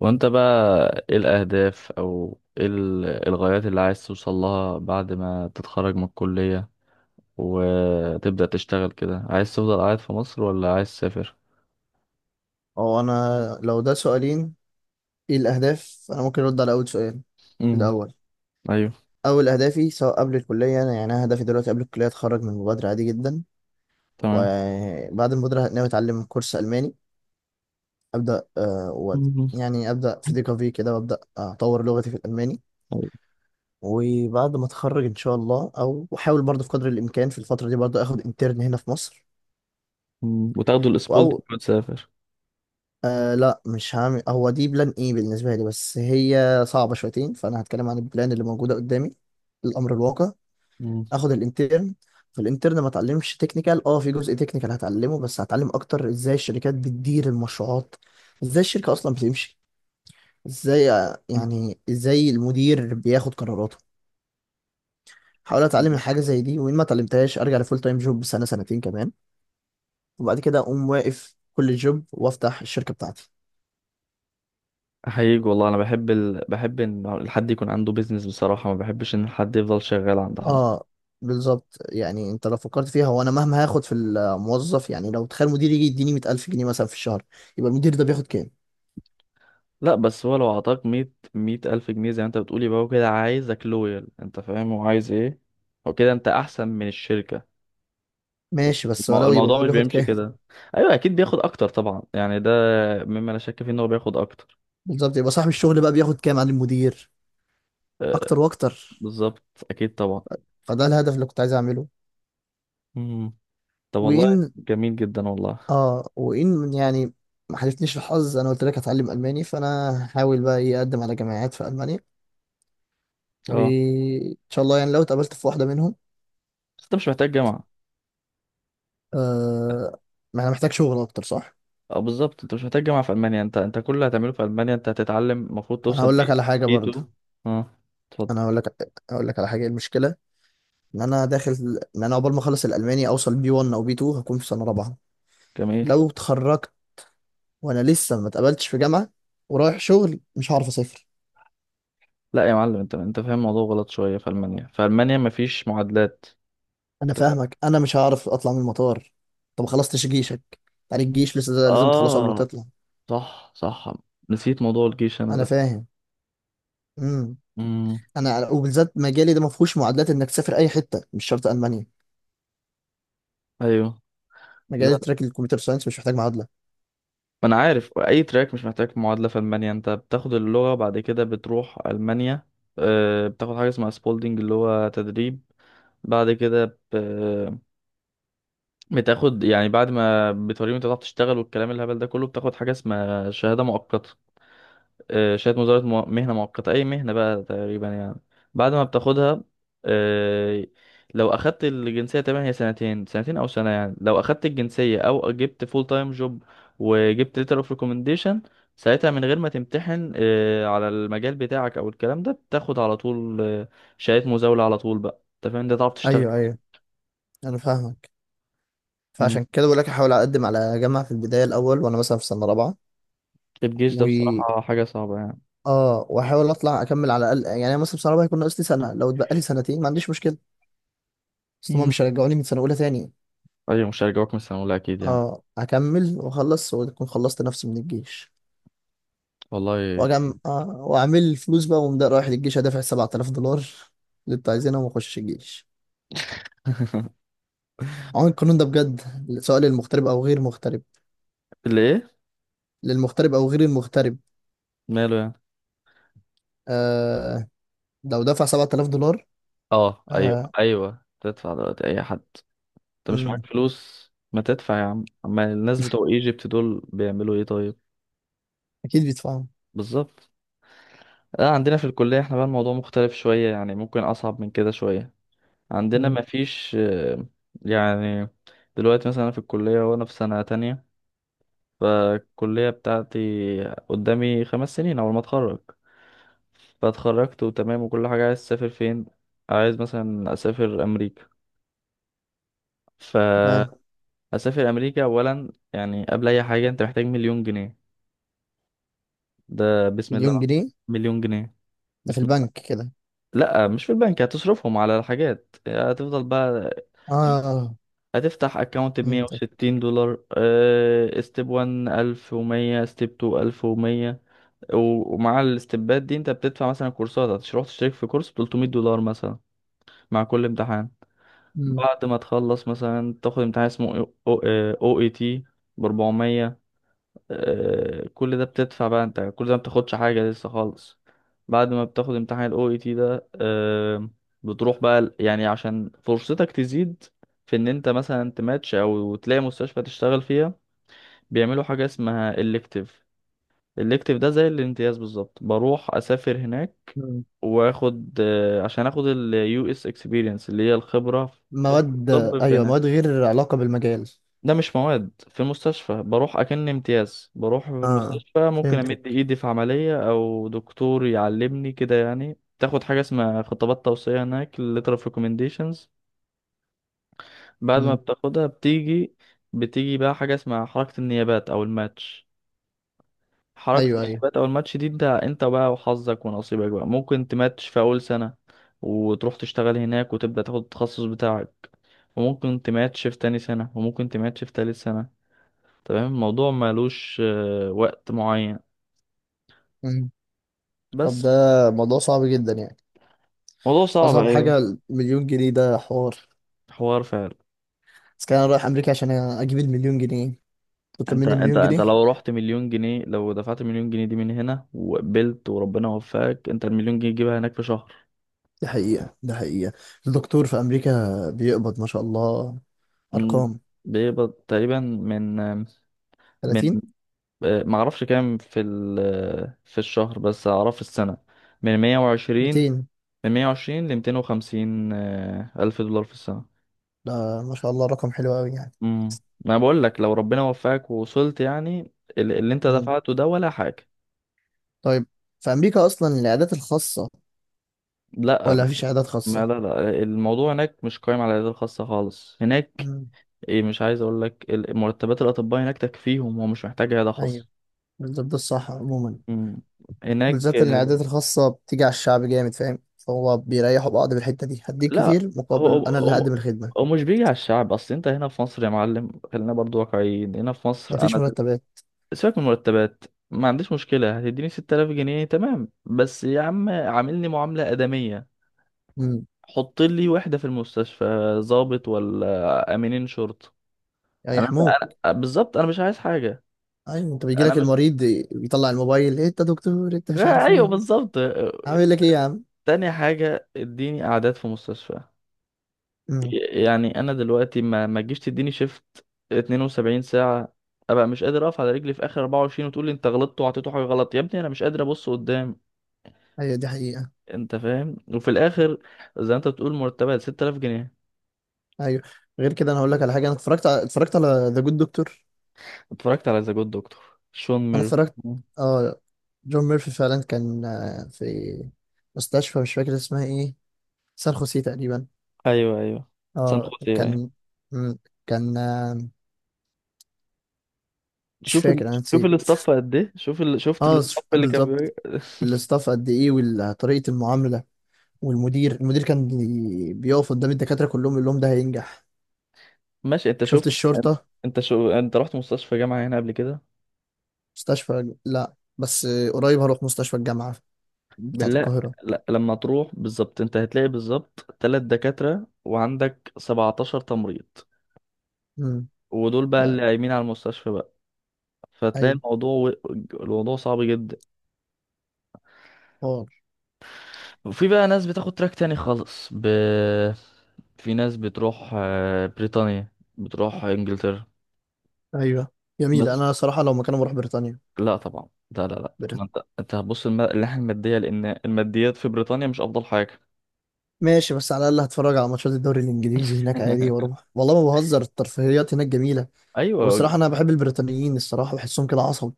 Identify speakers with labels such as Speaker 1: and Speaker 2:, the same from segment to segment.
Speaker 1: وانت بقى ايه الاهداف او ايه الغايات اللي عايز توصل لها بعد ما تتخرج من الكلية وتبدأ تشتغل كده؟ عايز تفضل قاعد في مصر ولا عايز تسافر؟
Speaker 2: هو انا لو ده سؤالين. ايه الاهداف؟ انا ممكن ارد على اول سؤال.
Speaker 1: امم.
Speaker 2: الاول.
Speaker 1: ايوه.
Speaker 2: اول اهدافي سواء قبل الكليه يعني أنا هدفي دلوقتي قبل الكليه اتخرج من المبادره عادي جدا.
Speaker 1: تمام.
Speaker 2: وبعد المبادره ناوي اتعلم كورس الماني. ابدا
Speaker 1: مم.
Speaker 2: يعني ابدا في ديكافي كده وابدا اطور لغتي في الالماني.
Speaker 1: أيوة.
Speaker 2: وبعد ما اتخرج ان شاء الله، او احاول برضه في قدر الامكان في الفتره دي برضه اخد انترن هنا في مصر
Speaker 1: وتاخدوا الاسبولدي
Speaker 2: او
Speaker 1: وتسافر؟
Speaker 2: آه لا، مش هعمل. هو دي بلان ايه بالنسبة لي، بس هي صعبة شويتين، فانا هتكلم عن البلان اللي موجودة قدامي، الامر الواقع.
Speaker 1: امم.
Speaker 2: اخد الانترن. فالانترن ما اتعلمش تكنيكال، في جزء تكنيكال هتعلمه، بس هتعلم اكتر ازاي الشركات بتدير المشروعات، ازاي الشركة اصلا بتمشي، ازاي آه، يعني ازاي المدير بياخد قراراته. هحاول اتعلم الحاجة زي دي، وان ما اتعلمتهاش ارجع لفول تايم جوب سنة سنتين كمان، وبعد كده اقوم واقف كل جوب وافتح الشركة بتاعتي.
Speaker 1: احييك والله، انا بحب بحب ان الحد يكون عنده بيزنس، بصراحة ما بحبش ان الحد يفضل شغال عند حد.
Speaker 2: اه بالظبط. يعني انت لو فكرت فيها، هو انا مهما هاخد في الموظف، يعني لو تخيل مدير يجي يديني 100000 جنيه مثلا في الشهر، يبقى المدير ده بياخد كام؟
Speaker 1: لا، بس هو لو عطاك مية ألف جنيه زي ما انت بتقول، يبقى هو كده عايزك لويال. انت فاهم هو عايز ايه؟ هو كده انت احسن من الشركة.
Speaker 2: ماشي، بس ولو، يبقى
Speaker 1: الموضوع
Speaker 2: هو
Speaker 1: مش
Speaker 2: بياخد
Speaker 1: بيمشي
Speaker 2: كام؟
Speaker 1: كده. ايوه اكيد بياخد اكتر طبعا، يعني ده مما لا شك فيه ان هو بياخد اكتر.
Speaker 2: بالظبط، يبقى صاحب الشغل بقى بياخد كام عن المدير؟
Speaker 1: أه،
Speaker 2: اكتر واكتر.
Speaker 1: بالظبط. اكيد طبعا.
Speaker 2: فده الهدف اللي كنت عايز اعمله.
Speaker 1: مم. طب والله.
Speaker 2: وان
Speaker 1: جميل جدا والله.
Speaker 2: اه وان يعني ما حالفنيش الحظ. انا قلت لك هتعلم الماني، فانا هحاول بقى ايه اقدم على جامعات في المانيا،
Speaker 1: اه،
Speaker 2: وان شاء الله يعني لو اتقابلت في واحده منهم.
Speaker 1: بس انت مش محتاج جامعة.
Speaker 2: آه. ما انا محتاج شغل اكتر، صح.
Speaker 1: اه بالظبط، انت مش محتاج جامعة في المانيا. انت كل اللي هتعمله في المانيا انت هتتعلم، المفروض
Speaker 2: انا
Speaker 1: توصل
Speaker 2: هقول لك
Speaker 1: بيه
Speaker 2: على حاجه
Speaker 1: اي
Speaker 2: برضه.
Speaker 1: 2. اه، اتفضل.
Speaker 2: انا اقول لك على حاجه. المشكله ان انا داخل ان انا عقبال ما اخلص الالماني اوصل B1 او B2 هكون في سنه رابعه.
Speaker 1: جميل.
Speaker 2: لو اتخرجت وانا لسه ما اتقبلتش في جامعه ورايح شغل، مش هعرف اسافر.
Speaker 1: لا يا معلم، انت فاهم الموضوع غلط شويه. في المانيا، مفيش معادلات.
Speaker 2: انا فاهمك. انا مش هعرف اطلع من المطار. طب ما خلصتش جيشك؟ يعني الجيش لسه ده لازم تخلصه قبل ما
Speaker 1: اه،
Speaker 2: تطلع.
Speaker 1: صح صح. نسيت موضوع الجيش انا
Speaker 2: انا
Speaker 1: ده.
Speaker 2: فاهم. امم
Speaker 1: امم.
Speaker 2: انا وبالذات مجالي ده ما فيهوش معادلات انك تسافر اي حته، مش شرط المانيا.
Speaker 1: ايوه. لا،
Speaker 2: مجال تراك الكمبيوتر ساينس مش محتاج معادله.
Speaker 1: ما انا عارف اي تراك مش محتاج معادله. في المانيا انت بتاخد اللغه، بعد كده بتروح المانيا، آه، بتاخد حاجه اسمها سبولدنج اللي هو تدريب. بعد كده بتاخد، يعني بعد ما بتوريهم انت بتعرف تشتغل والكلام الهبل ده كله، بتاخد حاجه اسمها شهاده مؤقته. آه، شهادة مزاولة مهنة مؤقتة، أي مهنة بقى تقريبا يعني. بعد ما بتاخدها، آه، لو أخدت الجنسية تقريبا هي سنتين أو سنة يعني، لو أخدت الجنسية أو جبت فول تايم جوب وجبت ليتر اوف ريكومنديشن، ساعتها من غير ما تمتحن، آه، على المجال بتاعك أو الكلام ده، بتاخد على طول، آه، شهادة مزاولة على طول بقى. أنت فاهم، ده تعرف تشتغل.
Speaker 2: ايوه ايوه، انا فاهمك.
Speaker 1: مم.
Speaker 2: فعشان كده بقول لك احاول اقدم على جامعه في البدايه الاول وانا مثلا في سنه رابعه،
Speaker 1: الجيش ده
Speaker 2: و
Speaker 1: بصراحة حاجة صعبة يعني.
Speaker 2: اه واحاول اطلع اكمل على الاقل. يعني أنا مثلا في سنه رابعه هيكون ناقص لي سنه، لو اتبقى لي سنتين ما عنديش مشكله. اصل هم
Speaker 1: مم.
Speaker 2: مش هيرجعوني من سنه اولى تاني.
Speaker 1: أيوة، مش هرجعوك من السنة الأولى أكيد يعني.
Speaker 2: اه، اكمل واخلص واكون خلصت نفسي من الجيش
Speaker 1: والله
Speaker 2: واجم
Speaker 1: كنت.
Speaker 2: آه واعمل فلوس بقى، وأقوم ده رايح للجيش هدافع 7000 دولار اللي انتوا عايزينها واخش الجيش. عموما القانون ده بجد، سواء للمغترب او غير مغترب.
Speaker 1: اللي إيه؟
Speaker 2: للمغترب او غير المغترب.
Speaker 1: ماله يعني.
Speaker 2: آه. لو دفع 7000 دولار.
Speaker 1: اه ايوه
Speaker 2: آه.
Speaker 1: ايوه، تدفع دلوقتي اي حد. انت مش
Speaker 2: مم،
Speaker 1: معاك فلوس ما تدفع يا عم، اما الناس بتوع ايجيبت دول بيعملوا ايه طيب؟
Speaker 2: اكيد بيدفعوا.
Speaker 1: بالظبط. لا، عندنا في الكلية احنا بقى الموضوع مختلف شوية يعني، ممكن اصعب من كده شوية. عندنا
Speaker 2: مم.
Speaker 1: ما فيش، يعني، دلوقتي مثلا انا في الكلية وانا في سنة تانية، فالكلية بتاعتي قدامي 5 سنين. اول ما اتخرج فاتخرجت وتمام وكل حاجة، عايز اسافر فين؟ عايز مثلا اسافر امريكا. ف
Speaker 2: تمام.
Speaker 1: اسافر امريكا، اولا يعني قبل اي حاجه انت محتاج مليون جنيه. ده بسم الله
Speaker 2: مليون
Speaker 1: الرحمن.
Speaker 2: جنيه؟
Speaker 1: مليون جنيه،
Speaker 2: ده في
Speaker 1: بسم
Speaker 2: البنك
Speaker 1: الله.
Speaker 2: كده؟
Speaker 1: لا، مش في البنك، هتصرفهم على الحاجات هتفضل بقى.
Speaker 2: اه،
Speaker 1: هتفتح اكونت ب
Speaker 2: فهمتك.
Speaker 1: 160 دولار، آه، ستيب 1 1100، ستيب 2 1100. ومع الستبات دي انت بتدفع مثلا كورسات، هتروح تشترك في كورس ب 300 دولار مثلا مع كل امتحان.
Speaker 2: مم.
Speaker 1: بعد ما تخلص مثلا تاخد امتحان اسمه او اي تي ب 400. آه، كل ده بتدفع بقى انت، كل ده ما بتاخدش حاجة لسه خالص. بعد ما بتاخد امتحان ال OET ده، آه، بتروح بقى يعني عشان فرصتك تزيد في ان انت مثلا تماتش او تلاقي مستشفى تشتغل فيها. بيعملوا حاجة اسمها elective. elective ده زي الامتياز بالظبط، بروح اسافر هناك.
Speaker 2: مم.
Speaker 1: واخد، آه، عشان اخد ال US experience اللي هي الخبرة خبرة
Speaker 2: مواد.
Speaker 1: الطب في
Speaker 2: ايوه،
Speaker 1: هناك.
Speaker 2: مواد غير علاقة بالمجال.
Speaker 1: ده مش مواد. في المستشفى بروح اكن امتياز، بروح في
Speaker 2: اه،
Speaker 1: المستشفى ممكن امد
Speaker 2: فهمتك.
Speaker 1: ايدي في عملية او دكتور يعلمني كده يعني. تاخد حاجة اسمها خطابات توصية هناك، letter of recommendations. بعد ما
Speaker 2: مم.
Speaker 1: بتاخدها بتيجي بقى حاجة اسمها حركة النيابات او الماتش. حركة
Speaker 2: ايوه ايوه.
Speaker 1: النيابات او الماتش دي انت بقى وحظك ونصيبك بقى، ممكن تماتش في اول سنة وتروح تشتغل هناك وتبدأ تاخد التخصص بتاعك. وممكن تماتش في تاني سنة، وممكن تماتش في تالت سنة تمام. الموضوع مالوش، آه، وقت معين
Speaker 2: مم. طب،
Speaker 1: بس.
Speaker 2: ده موضوع صعب جدا يعني.
Speaker 1: موضوع صعب،
Speaker 2: اصعب
Speaker 1: ايوه.
Speaker 2: حاجة المليون جنيه ده، حوار.
Speaker 1: حوار فعلا.
Speaker 2: بس كان انا رايح امريكا عشان اجيب المليون جنيه، تطلب
Speaker 1: انت
Speaker 2: مني
Speaker 1: انت
Speaker 2: مليون
Speaker 1: انت
Speaker 2: جنيه.
Speaker 1: لو رحت مليون جنيه، لو دفعت مليون جنيه دي من هنا وقبلت وربنا وفقك، انت المليون جنيه تجيبها هناك في شهر.
Speaker 2: دي حقيقة، دي حقيقة. الدكتور في امريكا بيقبض ما شاء الله
Speaker 1: م،
Speaker 2: ارقام.
Speaker 1: بيقبض تقريبا من
Speaker 2: 30.
Speaker 1: آه، معرفش كام في ال آه، في الشهر، بس اعرف في السنة، من 120،
Speaker 2: 200.
Speaker 1: ل 250، الف دولار في السنة.
Speaker 2: ده ما شاء الله رقم حلو قوي يعني.
Speaker 1: امم. ما بقول لك لو ربنا وفقك ووصلت يعني، اللي انت دفعته ده ولا حاجة.
Speaker 2: طيب، في أمريكا أصلا العيادات الخاصة
Speaker 1: لا،
Speaker 2: ولا مفيش عيادات
Speaker 1: ما لا
Speaker 2: خاصة؟
Speaker 1: لا، الموضوع هناك مش قايم على العيادات الخاصة خالص هناك.
Speaker 2: مم.
Speaker 1: ايه، مش عايز اقول لك مرتبات الأطباء هناك تكفيهم ومش محتاج عيادة
Speaker 2: أيوه،
Speaker 1: خاصة.
Speaker 2: بالظبط، ده الصح عموما.
Speaker 1: امم. هناك،
Speaker 2: بالذات إن العيادات الخاصة بتيجي على الشعب جامد، فاهم؟ فهو بيريحوا بعض بالحتة دي، هديك
Speaker 1: لا.
Speaker 2: كتير
Speaker 1: هو
Speaker 2: مقابل أنا اللي
Speaker 1: هو
Speaker 2: هقدم
Speaker 1: هو
Speaker 2: الخدمة.
Speaker 1: مش بيجي على الشعب. اصل انت هنا في مصر يا معلم، خلينا برضو واقعيين. هنا في مصر
Speaker 2: مفيش
Speaker 1: انا،
Speaker 2: مرتبات.
Speaker 1: سيبك من المرتبات. ما عنديش مشكلة، هتديني 6000 جنيه تمام، بس يا عم عاملني معاملة آدمية.
Speaker 2: مم.
Speaker 1: حط لي وحدة في المستشفى، ضابط ولا امينين شرطة. انا
Speaker 2: هيحموك.
Speaker 1: بالظبط انا مش عايز حاجة.
Speaker 2: أيوه. أنت
Speaker 1: انا
Speaker 2: بيجيلك
Speaker 1: مش
Speaker 2: المريض بيطلع الموبايل، إيه أنت دكتور، أنت مش عارف
Speaker 1: ايوه
Speaker 2: إيه
Speaker 1: بالظبط.
Speaker 2: عامل لك إيه يا عم.
Speaker 1: تاني حاجة، اديني اعداد في مستشفى.
Speaker 2: مم.
Speaker 1: يعني انا دلوقتي، ما تجيش تديني شيفت 72 ساعة، ابقى مش قادر اقف على رجلي في اخر 24 وتقول لي انت غلطت وعطيته حاجة غلط، يا ابني انا مش قادر ابص قدام.
Speaker 2: أيوه دي حقيقة.
Speaker 1: انت فاهم. وفي الاخر زي ما انت بتقول مرتبها 6000 جنيه.
Speaker 2: أيوه. غير كده، أنا هقول لك على حاجة. أنا اتفرجت على ذا جود دكتور.
Speaker 1: اتفرجت على ذا جود دكتور، شون
Speaker 2: انا
Speaker 1: ميري.
Speaker 2: اتفرجت.
Speaker 1: مم.
Speaker 2: اه. جون ميرفي فعلا كان في مستشفى مش فاكر اسمها ايه. سان خوسيه تقريبا.
Speaker 1: ايوه ايوه، سان
Speaker 2: اه
Speaker 1: خوسيه. أيوه.
Speaker 2: كان. مم، كان مش
Speaker 1: شوف ال...
Speaker 2: فاكر، انا
Speaker 1: شوف
Speaker 2: نسيت.
Speaker 1: الاستاف قد ايه. شفت
Speaker 2: اه،
Speaker 1: الاستاف اللي كان بي...
Speaker 2: بالظبط. الاستاف قد ايه وطريقة المعاملة. والمدير، المدير كان بيقف قدام الدكاترة كلهم يقول لهم ده هينجح.
Speaker 1: ماشي، انت
Speaker 2: شفت
Speaker 1: شفت؟
Speaker 2: الشرطة.
Speaker 1: انت رحت مستشفى جامعة هنا قبل كده؟
Speaker 2: مستشفى؟ لا بس قريب هروح مستشفى الجامعة بتاعة
Speaker 1: بالله.
Speaker 2: القاهرة.
Speaker 1: لا، لما تروح بالظبط انت هتلاقي بالظبط تلات دكاترة وعندك 17 تمريض.
Speaker 2: امم.
Speaker 1: ودول بقى اللي
Speaker 2: ده.
Speaker 1: قايمين على المستشفى بقى، فتلاقي
Speaker 2: ايوه.
Speaker 1: الموضوع، و... الموضوع صعب جدا.
Speaker 2: حوار.
Speaker 1: وفي بقى ناس بتاخد تراك تاني خالص في ناس بتروح، بريطانيا، بتروح انجلترا.
Speaker 2: ايوه، جميل.
Speaker 1: بس.
Speaker 2: انا صراحة لو مكانه بروح بريطانيا.
Speaker 1: لا طبعا، لا لا لا، ما انت هتبص الناحيه الماديه، لان الماديات في بريطانيا مش افضل حاجه.
Speaker 2: ماشي، بس على الاقل هتفرج على ماتشات الدوري الانجليزي هناك عادي، واروح والله ما بهزر، الترفيهيات هناك جميله.
Speaker 1: ايوه.
Speaker 2: والصراحه انا بحب البريطانيين، الصراحه بحسهم كده عصب.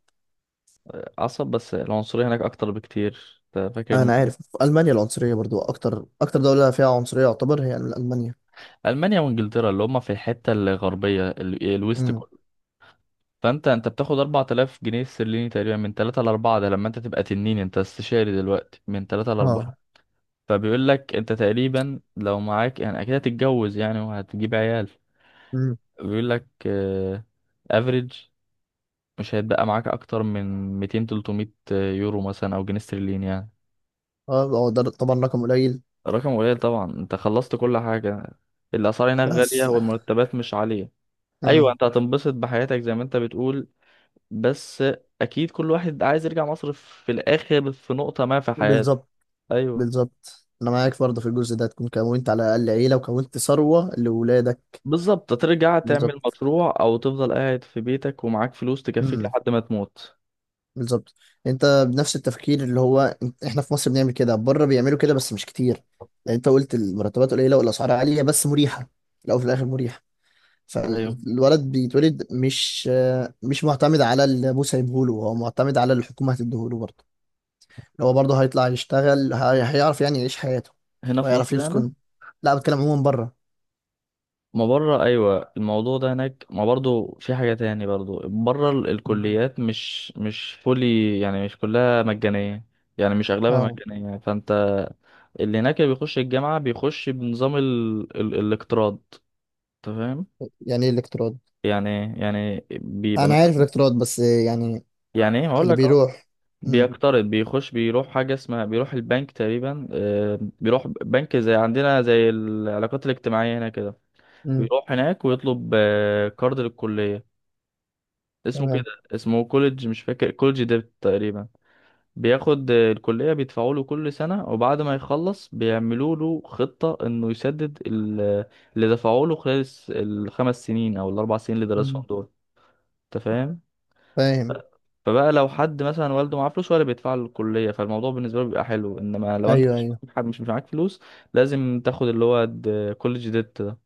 Speaker 1: عصب، بس العنصريه هناك اكتر بكتير. انت فاكر الم...
Speaker 2: انا عارف في المانيا العنصريه برضو اكتر دوله فيها عنصريه يعتبر هي المانيا.
Speaker 1: المانيا وانجلترا اللي هم في الحته الغربيه، الويست
Speaker 2: امم.
Speaker 1: كله. فانت بتاخد 4000 جنيه استرليني تقريبا، من 3 ل 4، ده لما انت تبقى تنين، انت استشاري دلوقتي، من 3 ل 4.
Speaker 2: اه.
Speaker 1: فبيقول لك انت تقريبا لو معاك، يعني اكيد هتتجوز يعني وهتجيب عيال.
Speaker 2: امم.
Speaker 1: بيقول لك افريج، مش هيتبقى معاك اكتر من 200، 300 يورو مثلا او جنيه استرليني يعني.
Speaker 2: اه، هو ده طبعا رقم قليل.
Speaker 1: رقم قليل طبعا، انت خلصت كل حاجه. الاسعار هناك غاليه
Speaker 2: بس.
Speaker 1: والمرتبات مش عاليه. ايوه،
Speaker 2: امم.
Speaker 1: انت هتنبسط بحياتك زي ما انت بتقول، بس اكيد كل واحد عايز يرجع مصر في الاخر في نقطه ما في حياته.
Speaker 2: بالظبط.
Speaker 1: ايوه.
Speaker 2: بالظبط انا معاك برضه في الجزء ده، تكون كونت على الاقل عيله وكونت ثروه لاولادك.
Speaker 1: بالظبط، ترجع تعمل
Speaker 2: بالظبط.
Speaker 1: مشروع او تفضل قاعد في بيتك ومعاك فلوس تكفيك لحد ما تموت.
Speaker 2: بالظبط. انت بنفس التفكير، اللي هو انت- احنا في مصر بنعمل كده، بره بيعملوا كده بس مش كتير. لان انت قلت المرتبات قليله والاسعار عاليه، بس مريحه. في الاول وفي الاخر مريحه.
Speaker 1: ايوه.
Speaker 2: فالولد بيتولد مش معتمد على اللي ابوه سايبهوله، هو معتمد على اللي الحكومه هتديهوله برضه. اللي هو برضه هيطلع يشتغل، هيعرف يعني يعيش حياته
Speaker 1: هنا في
Speaker 2: وهيعرف
Speaker 1: مصر يعني.
Speaker 2: يسكن. لا، بتكلم عموما بره.
Speaker 1: ما بره، ايوه. الموضوع ده هناك ما برضو في حاجه تاني برضو، بره
Speaker 2: مم.
Speaker 1: الكليات مش فولي، يعني مش كلها مجانيه. يعني مش اغلبها
Speaker 2: اه.
Speaker 1: مجانيه، فانت اللي هناك اللي بيخش الجامعه بيخش بنظام الاقتراض. انت فاهم
Speaker 2: يعني ايه الاقتراض؟
Speaker 1: يعني إيه؟ يعني بيبقى
Speaker 2: انا عارف
Speaker 1: مثلا،
Speaker 2: الاقتراض بس يعني.
Speaker 1: يعني ايه، هقول
Speaker 2: اللي
Speaker 1: لك اهو.
Speaker 2: بيروح. مم.
Speaker 1: بيقترض، بيخش بيروح حاجه اسمها، بيروح البنك تقريبا، بيروح بنك زي عندنا زي العلاقات الاجتماعيه هنا كده.
Speaker 2: مم.
Speaker 1: بيروح هناك ويطلب، كارد للكليه اسمه كده.
Speaker 2: تمام.
Speaker 1: اسمه كوليدج، مش فاكر، كوليدج ديبت تقريبا. بياخد، الكلية بيدفعوا له كل سنة، وبعد ما يخلص بيعملوا له خطة انه يسدد اللي دفعوا له خلال الخمس سنين او الاربع سنين اللي درسهم
Speaker 2: مم.
Speaker 1: دول. انت فاهم.
Speaker 2: فاهم.
Speaker 1: فبقى لو حد مثلا والده معاه فلوس ولا بيدفع له الكلية، فالموضوع بالنسبة له بيبقى حلو. انما لو انت
Speaker 2: ايوه ايوه.
Speaker 1: مش معاك فلوس، لازم تاخد اللي هو كوليدج ديبت.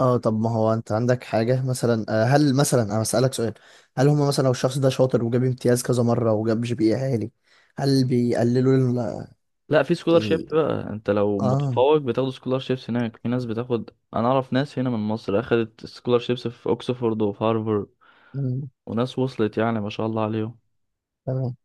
Speaker 2: اه، طب، ما هو انت عندك حاجه مثلا، هل مثلا انا اسالك سؤال. هل هم مثلا لو الشخص ده شاطر وجاب امتياز كذا مره وجاب GPA عالي، هل بيقللوا
Speaker 1: لا، في سكولار شيب
Speaker 2: ال-
Speaker 1: بقى، انت لو
Speaker 2: اه.
Speaker 1: متفوق بتاخد سكولار شيبس. هناك في ناس بتاخد. انا اعرف ناس هنا من مصر اخدت سكولار شيبس في اوكسفورد وفي هارفارد.
Speaker 2: مم،
Speaker 1: وناس وصلت يعني ما شاء الله عليهم.
Speaker 2: تمام.